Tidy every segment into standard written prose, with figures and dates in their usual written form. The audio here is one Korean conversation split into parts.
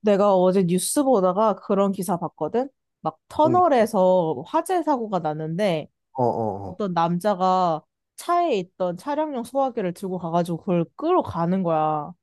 내가 어제 뉴스 보다가 그런 기사 봤거든? 막 리 터널에서 화재 사고가 났는데 어어어 어떤 남자가 차에 있던 차량용 소화기를 들고 가가지고 그걸 끌어 가는 거야.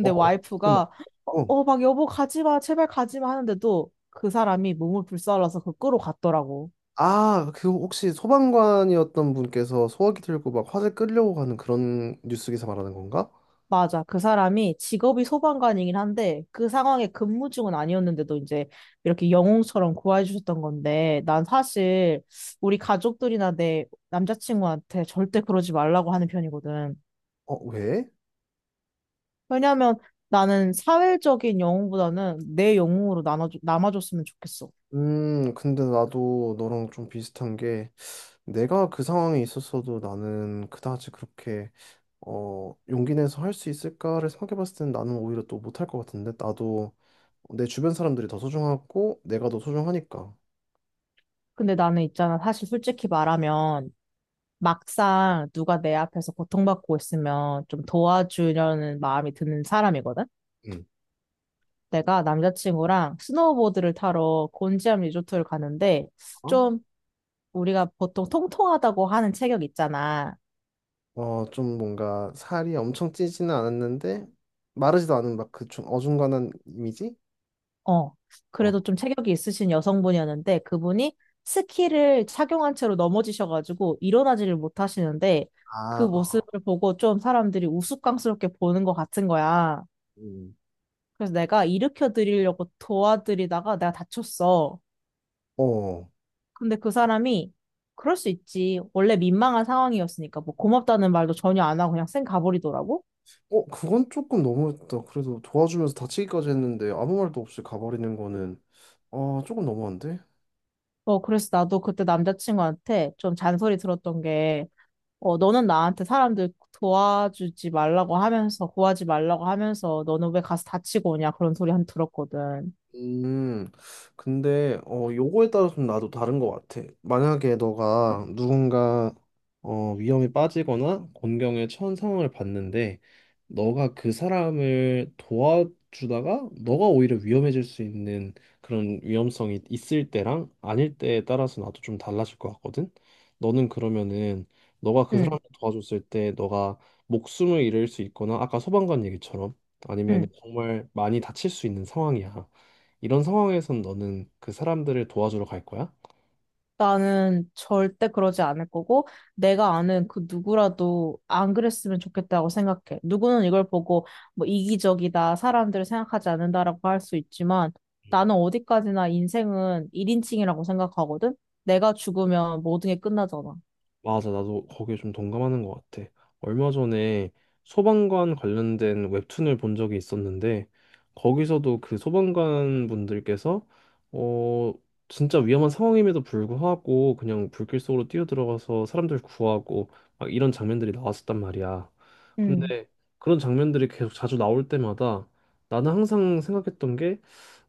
어, 어. 좀 나고 와이프가 막 여보 가지 마, 제발 가지 마 하는데도 그 사람이 몸을 불살라서 그걸 끌어 갔더라고. 아, 그 혹시 소방관이었던 분께서 소화기 들고 막 화재 끌려고 가는 그런 뉴스 기사 말하는 건가? 맞아. 그 사람이 직업이 소방관이긴 한데 그 상황에 근무 중은 아니었는데도 이제 이렇게 영웅처럼 구해 주셨던 건데 난 사실 우리 가족들이나 내 남자친구한테 절대 그러지 말라고 하는 편이거든. 어, 왜? 왜냐하면 나는 사회적인 영웅보다는 내 영웅으로 나눠 남아줬으면 좋겠어. 근데 나도 너랑 좀 비슷한 게 내가 그 상황에 있었어도 나는 그다지 그렇게 용기 내서 할 수 있을까를 생각해 봤을 때는 나는 오히려 또 못할 것 같은데 나도 내 주변 사람들이 더 소중하고 내가 더 소중하니까. 근데 나는 있잖아. 사실 솔직히 말하면 막상 누가 내 앞에서 고통받고 있으면 좀 도와주려는 마음이 드는 사람이거든. 음. 내가 남자친구랑 스노우보드를 타러 곤지암 리조트를 가는데 좀 우리가 보통 통통하다고 하는 체격 있잖아. 어, 좀 뭔가 살이 엄청 찌지는 않았는데 마르지도 않은 막 그 좀 어중간한 이미지? 어. 어, 그래도 좀 체격이 있으신 여성분이었는데 그분이 스키를 착용한 채로 넘어지셔가지고 일어나지를 못하시는데 그 아, 어. 모습을 보고 좀 사람들이 우스꽝스럽게 보는 것 같은 거야. 음. 그래서 내가 일으켜 드리려고 도와드리다가 내가 다쳤어. 어, 근데 그 사람이 그럴 수 있지. 원래 민망한 상황이었으니까 뭐 고맙다는 말도 전혀 안 하고 그냥 쌩 가버리더라고. 어, 그건 조금 너무했다. 그래도 도와주면서 다치기까지 했는데 아무 말도 없이 가버리는 거는 조금 너무한데? 어, 그래서 나도 그때 남자친구한테 좀 잔소리 들었던 게, 너는 나한테 사람들 도와주지 말라고 하면서, 구하지 말라고 하면서, 너는 왜 가서 다치고 오냐 그런 소리 한 들었거든. 음, 근데, 요거에 따라서 좀 나도 다른 것 같아. 만약에 너가 누군가, 위험에 빠지거나 곤경에 처한 상황을 봤는데, 너가 그 사람을 도와주다가, 너가 오히려 위험해질 수 있는 그런 위험성이 있을 때랑 아닐 때에 따라서 나도 좀 달라질 것 같거든? 너는 그러면은, 너가 그 사람을 응, 도와줬을 때, 너가 목숨을 잃을 수 있거나, 아까 소방관 얘기처럼, 아니면 응. 정말 많이 다칠 수 있는 상황이야. 이런 상황에선 너는 그 사람들을 도와주러 갈 거야? 나는 절대 그러지 않을 거고, 내가 아는 그 누구라도 안 그랬으면 좋겠다고 생각해. 누구는 이걸 보고 뭐 이기적이다, 사람들을 생각하지 않는다라고 할 수 있지만, 나는 어디까지나 인생은 1인칭이라고 생각하거든? 내가 죽으면 모든 게 끝나잖아. 맞아, 나도 거기에 좀 동감하는 것 같아. 얼마 전에 소방관 관련된 웹툰을 본 적이 있었는데, 거기서도 그 소방관 분들께서, 어, 진짜 위험한 상황임에도 불구하고 그냥 불길 속으로 뛰어들어가서 사람들 구하고 막 이런 장면들이 나왔었단 말이야. 음. 근데 그런 장면들이 계속 자주 나올 때마다 나는 항상 생각했던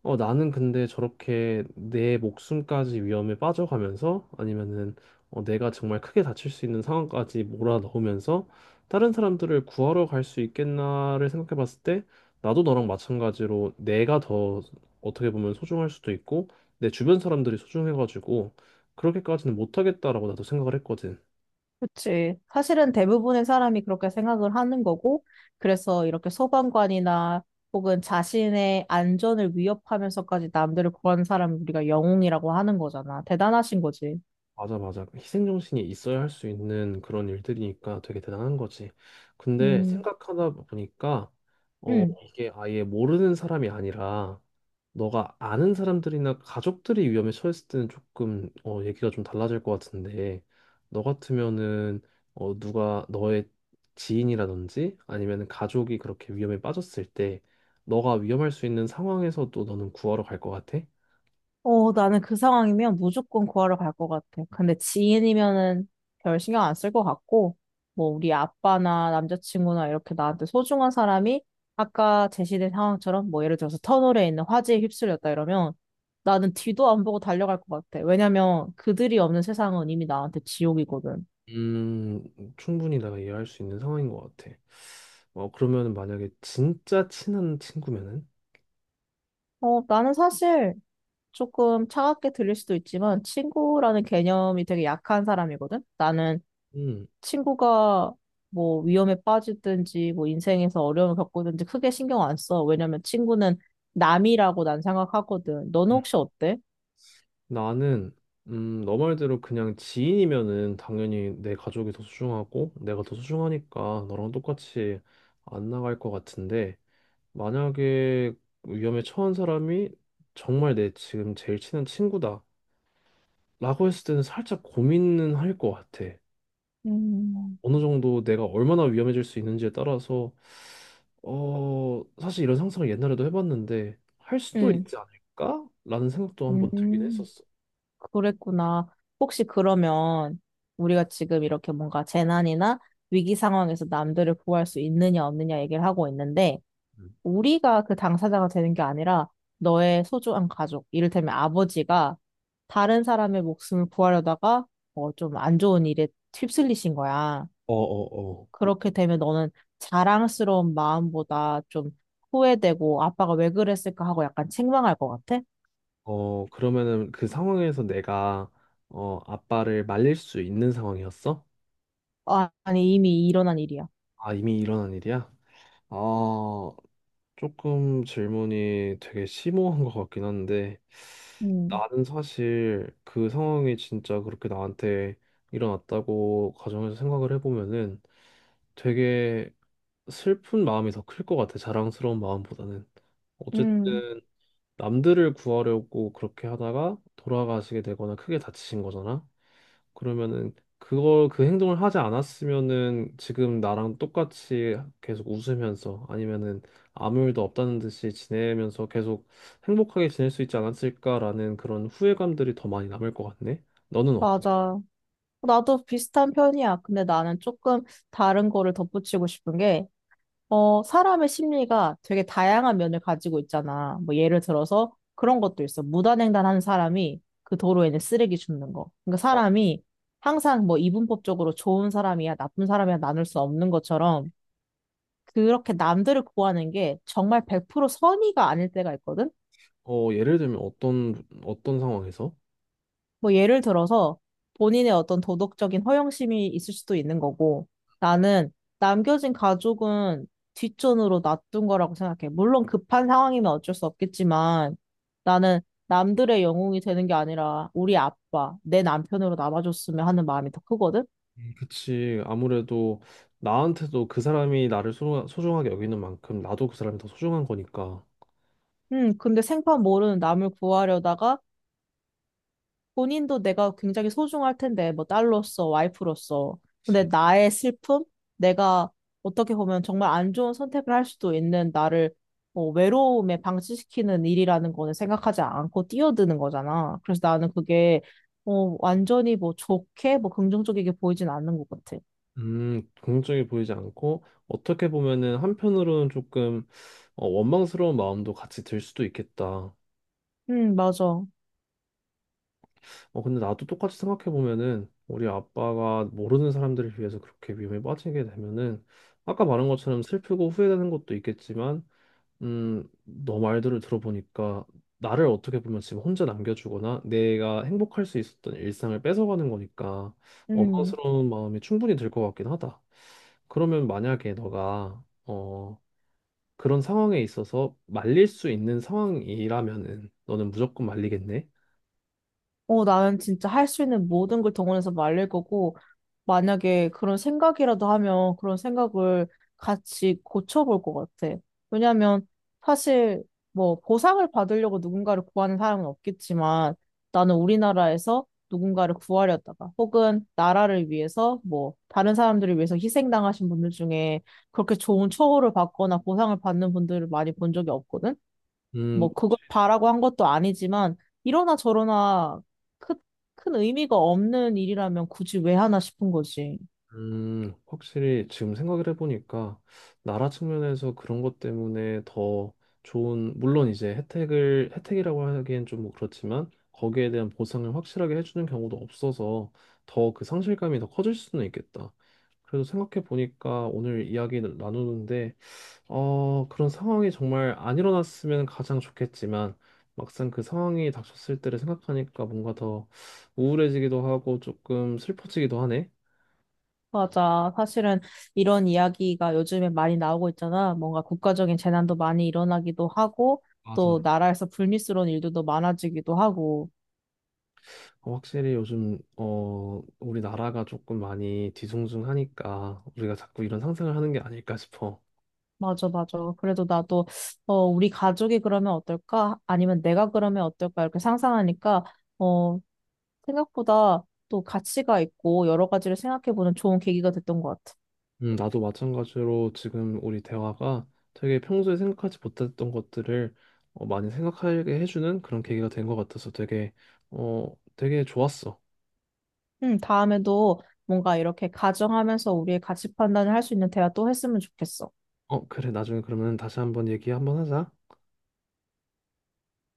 어, 나는 근데 저렇게 내 목숨까지 위험에 빠져가면서 아니면은 내가 정말 크게 다칠 수 있는 상황까지 몰아넣으면서 다른 사람들을 구하러 갈 수 있겠나를 생각해 봤을 때 나도 너랑 마찬가지로 내가 더 어떻게 보면 소중할 수도 있고 내 주변 사람들이 소중해가지고 그렇게까지는 못하겠다라고 나도 생각을 했거든. 그치. 사실은 대부분의 사람이 그렇게 생각을 하는 거고, 그래서 이렇게 소방관이나 혹은 자신의 안전을 위협하면서까지 남들을 구하는 사람을 우리가 영웅이라고 하는 거잖아. 대단하신 거지. 맞아, 맞아. 그 희생정신이 있어야 할 수 있는 그런 일들이니까 되게 대단한 거지. 근데 음, 생각하다 보니까, 음. 이게 아예 모르는 사람이 아니라, 너가 아는 사람들이나 가족들이 위험에 처했을 때는 조금, 얘기가 좀 달라질 것 같은데, 너 같으면은, 누가 너의 지인이라든지, 아니면 가족이 그렇게 위험에 빠졌을 때, 너가 위험할 수 있는 상황에서 도 너는 구하러 갈 것 같아? 어, 나는 그 상황이면 무조건 구하러 갈 것 같아. 근데 지인이면은 별 신경 안 쓸 것 같고, 뭐, 우리 아빠나 남자친구나 이렇게 나한테 소중한 사람이 아까 제시된 상황처럼 뭐, 예를 들어서 터널에 있는 화재에 휩쓸렸다 이러면 나는 뒤도 안 보고 달려갈 것 같아. 왜냐면 그들이 없는 세상은 이미 나한테 지옥이거든. 음, 충분히 내가 이해할 수 있는 상황인 것 같아. 어, 그러면 만약에 진짜 친한 친구면은? 어, 나는 사실 조금 차갑게 들릴 수도 있지만 친구라는 개념이 되게 약한 사람이거든. 나는 음, 친구가 뭐 위험에 빠지든지 뭐 인생에서 어려움을 겪든지 크게 신경 안 써. 왜냐면 친구는 남이라고 난 생각하거든. 너는 음. 혹시 어때? 나는, 너 말대로 그냥 지인이면은 당연히 내 가족이 더 소중하고 내가 더 소중하니까 너랑 똑같이 안 나갈 것 같은데 만약에 위험에 처한 사람이 정말 내 지금 제일 친한 친구다 라고 했을 때는 살짝 고민은 할 것 같아. 음, 어느 정도 내가 얼마나 위험해질 수 있는지에 따라서 어 사실 이런 상상을 옛날에도 해봤는데 할 수도 음, 있지 않을까라는 생각도 한번 들긴 음, 했었어. 그랬구나. 혹시 그러면 우리가 지금 이렇게 뭔가 재난이나 위기 상황에서 남들을 구할 수 있느냐 없느냐 얘기를 하고 있는데 음. 우리가 그 당사자가 되는 게 아니라 너의 소중한 가족, 이를테면 아버지가 다른 사람의 목숨을 구하려다가 좀 안 좋은 일에 휩쓸리신 거야. 어어어. 그렇게 되면 너는 자랑스러운 마음보다 좀 후회되고 아빠가 왜 그랬을까 하고 약간 책망할 것 같아? 어, 그러면은 그 상황에서 내가 어 아빠를 말릴 수 있는 상황이었어? 아, 아니, 이미 일어난 일이야. 아 이미 일어난 일이야? 아 조금 질문이 되게 심오한 것 같긴 한데, 음, 나는 사실 그 상황이 진짜 그렇게 나한테 일어났다고 가정해서 생각을 해보면은 되게 슬픈 마음이 더 클 것 같아, 자랑스러운 마음보다는. 음, 어쨌든 남들을 구하려고 그렇게 하다가 돌아가시게 되거나 크게 다치신 거잖아. 그러면은 그걸 그 행동을 하지 않았으면은 지금 나랑 똑같이 계속 웃으면서 아니면은 아무 일도 없다는 듯이 지내면서 계속 행복하게 지낼 수 있지 않았을까라는 그런 후회감들이 더 많이 남을 것 같네. 너는 어때? 맞아. 나도 비슷한 편이야. 근데 나는 조금 다른 거를 덧붙이고 싶은 게 사람의 심리가 되게 다양한 면을 가지고 있잖아. 뭐 예를 들어서 그런 것도 있어. 무단횡단하는 사람이 그 도로에는 쓰레기 줍는 거. 그러니까 사람이 항상 뭐 이분법적으로 좋은 사람이야, 나쁜 사람이야 나눌 수 없는 것처럼 그렇게 남들을 구하는 게 정말 100% 선의가 아닐 때가 있거든. 어, 예를 들면 어떤 어떤 상황에서? 뭐 예를 들어서 본인의 어떤 도덕적인 허영심이 있을 수도 있는 거고 나는 남겨진 가족은 뒷전으로 놔둔 거라고 생각해. 물론 급한 상황이면 어쩔 수 없겠지만 나는 남들의 영웅이 되는 게 아니라 우리 아빠, 내 남편으로 남아줬으면 하는 마음이 더 크거든. 그치, 아무래도 나한테도 그 사람이 나를 소, 소중하게 여기는 만큼 나도 그 사람이 더 소중한 거니까. 근데 생판 모르는 남을 구하려다가 본인도 내가 굉장히 소중할 텐데, 뭐 딸로서, 와이프로서. 근데 그치. 나의 슬픔? 내가 어떻게 보면 정말 안 좋은 선택을 할 수도 있는 나를 외로움에 방치시키는 일이라는 거는 생각하지 않고 뛰어드는 거잖아. 그래서 나는 그게 완전히 뭐 좋게, 뭐 긍정적이게 보이진 않는 것 같아. 긍정적이 보이지 않고 어떻게 보면은 한편으로는 조금 원망스러운 마음도 같이 들 수도 있겠다. 맞아. 어, 근데 나도 똑같이 생각해 보면은 우리 아빠가 모르는 사람들을 위해서 그렇게 위험에 빠지게 되면은 아까 말한 것처럼 슬프고 후회되는 것도 있겠지만 너 말들을 들어보니까 나를 어떻게 보면 지금 혼자 남겨주거나 내가 행복할 수 있었던 일상을 뺏어가는 거니까 음. 원망스러운 마음이 충분히 들 것 같긴 하다. 그러면 만약에 너가 어, 그런 상황에 있어서 말릴 수 있는 상황이라면은 너는 무조건 말리겠네? 어, 나는 진짜 할 수 있는 모든 걸 동원해서 말릴 거고, 만약에 그런 생각이라도 하면 그런 생각을 같이 고쳐볼 것 같아. 왜냐면 사실 뭐 보상을 받으려고 누군가를 구하는 사람은 없겠지만 나는 우리나라에서 누군가를 구하려다가 혹은 나라를 위해서 뭐 다른 사람들을 위해서 희생당하신 분들 중에 그렇게 좋은 처우를 받거나 보상을 받는 분들을 많이 본 적이 없거든. 음, 뭐 그걸 바라고 한 것도 아니지만 이러나 저러나 크, 큰 의미가 없는 일이라면 굳이 왜 하나 싶은 거지. 확실히 지금 생각을 해보니까 나라 측면에서 그런 것 때문에 더 좋은, 물론 이제 혜택을, 혜택이라고 하기엔 좀 뭐 그렇지만 거기에 대한 보상을 확실하게 해주는 경우도 없어서 더 그 상실감이 더 커질 수는 있겠다. 그래서 생각해 보니까 오늘 이야기 나누는데, 그런 상황이 정말 안 일어났으면 가장 좋겠지만 막상 그 상황이 닥쳤을 때를 생각하니까 뭔가 더 우울해지기도 하고 조금 슬퍼지기도 하네. 맞아. 사실은 이런 이야기가 요즘에 많이 나오고 있잖아. 뭔가 국가적인 재난도 많이 일어나기도 하고 또 맞아. 나라에서 불미스러운 일들도 많아지기도 하고. 어, 확실히 요즘 어 우리나라가 조금 많이 뒤숭숭하니까 우리가 자꾸 이런 상상을 하는 게 아닐까 싶어. 맞아, 맞아. 그래도 나도 어 우리 가족이 그러면 어떨까? 아니면 내가 그러면 어떨까? 이렇게 상상하니까 어 생각보다 또 가치가 있고 여러 가지를 생각해보는 좋은 계기가 됐던 것 같아. 나도 마찬가지로 지금 우리 대화가 되게 평소에 생각하지 못했던 것들을 많이 생각하게 해주는 그런 계기가 된 것 같아서 되게 어 되게 좋았어. 응, 다음에도 뭔가 이렇게 가정하면서 우리의 가치 판단을 할 수 있는 대화 또 했으면 좋겠어. 어, 그래, 나중에 그러면 다시 한번 얘기 한번 하자.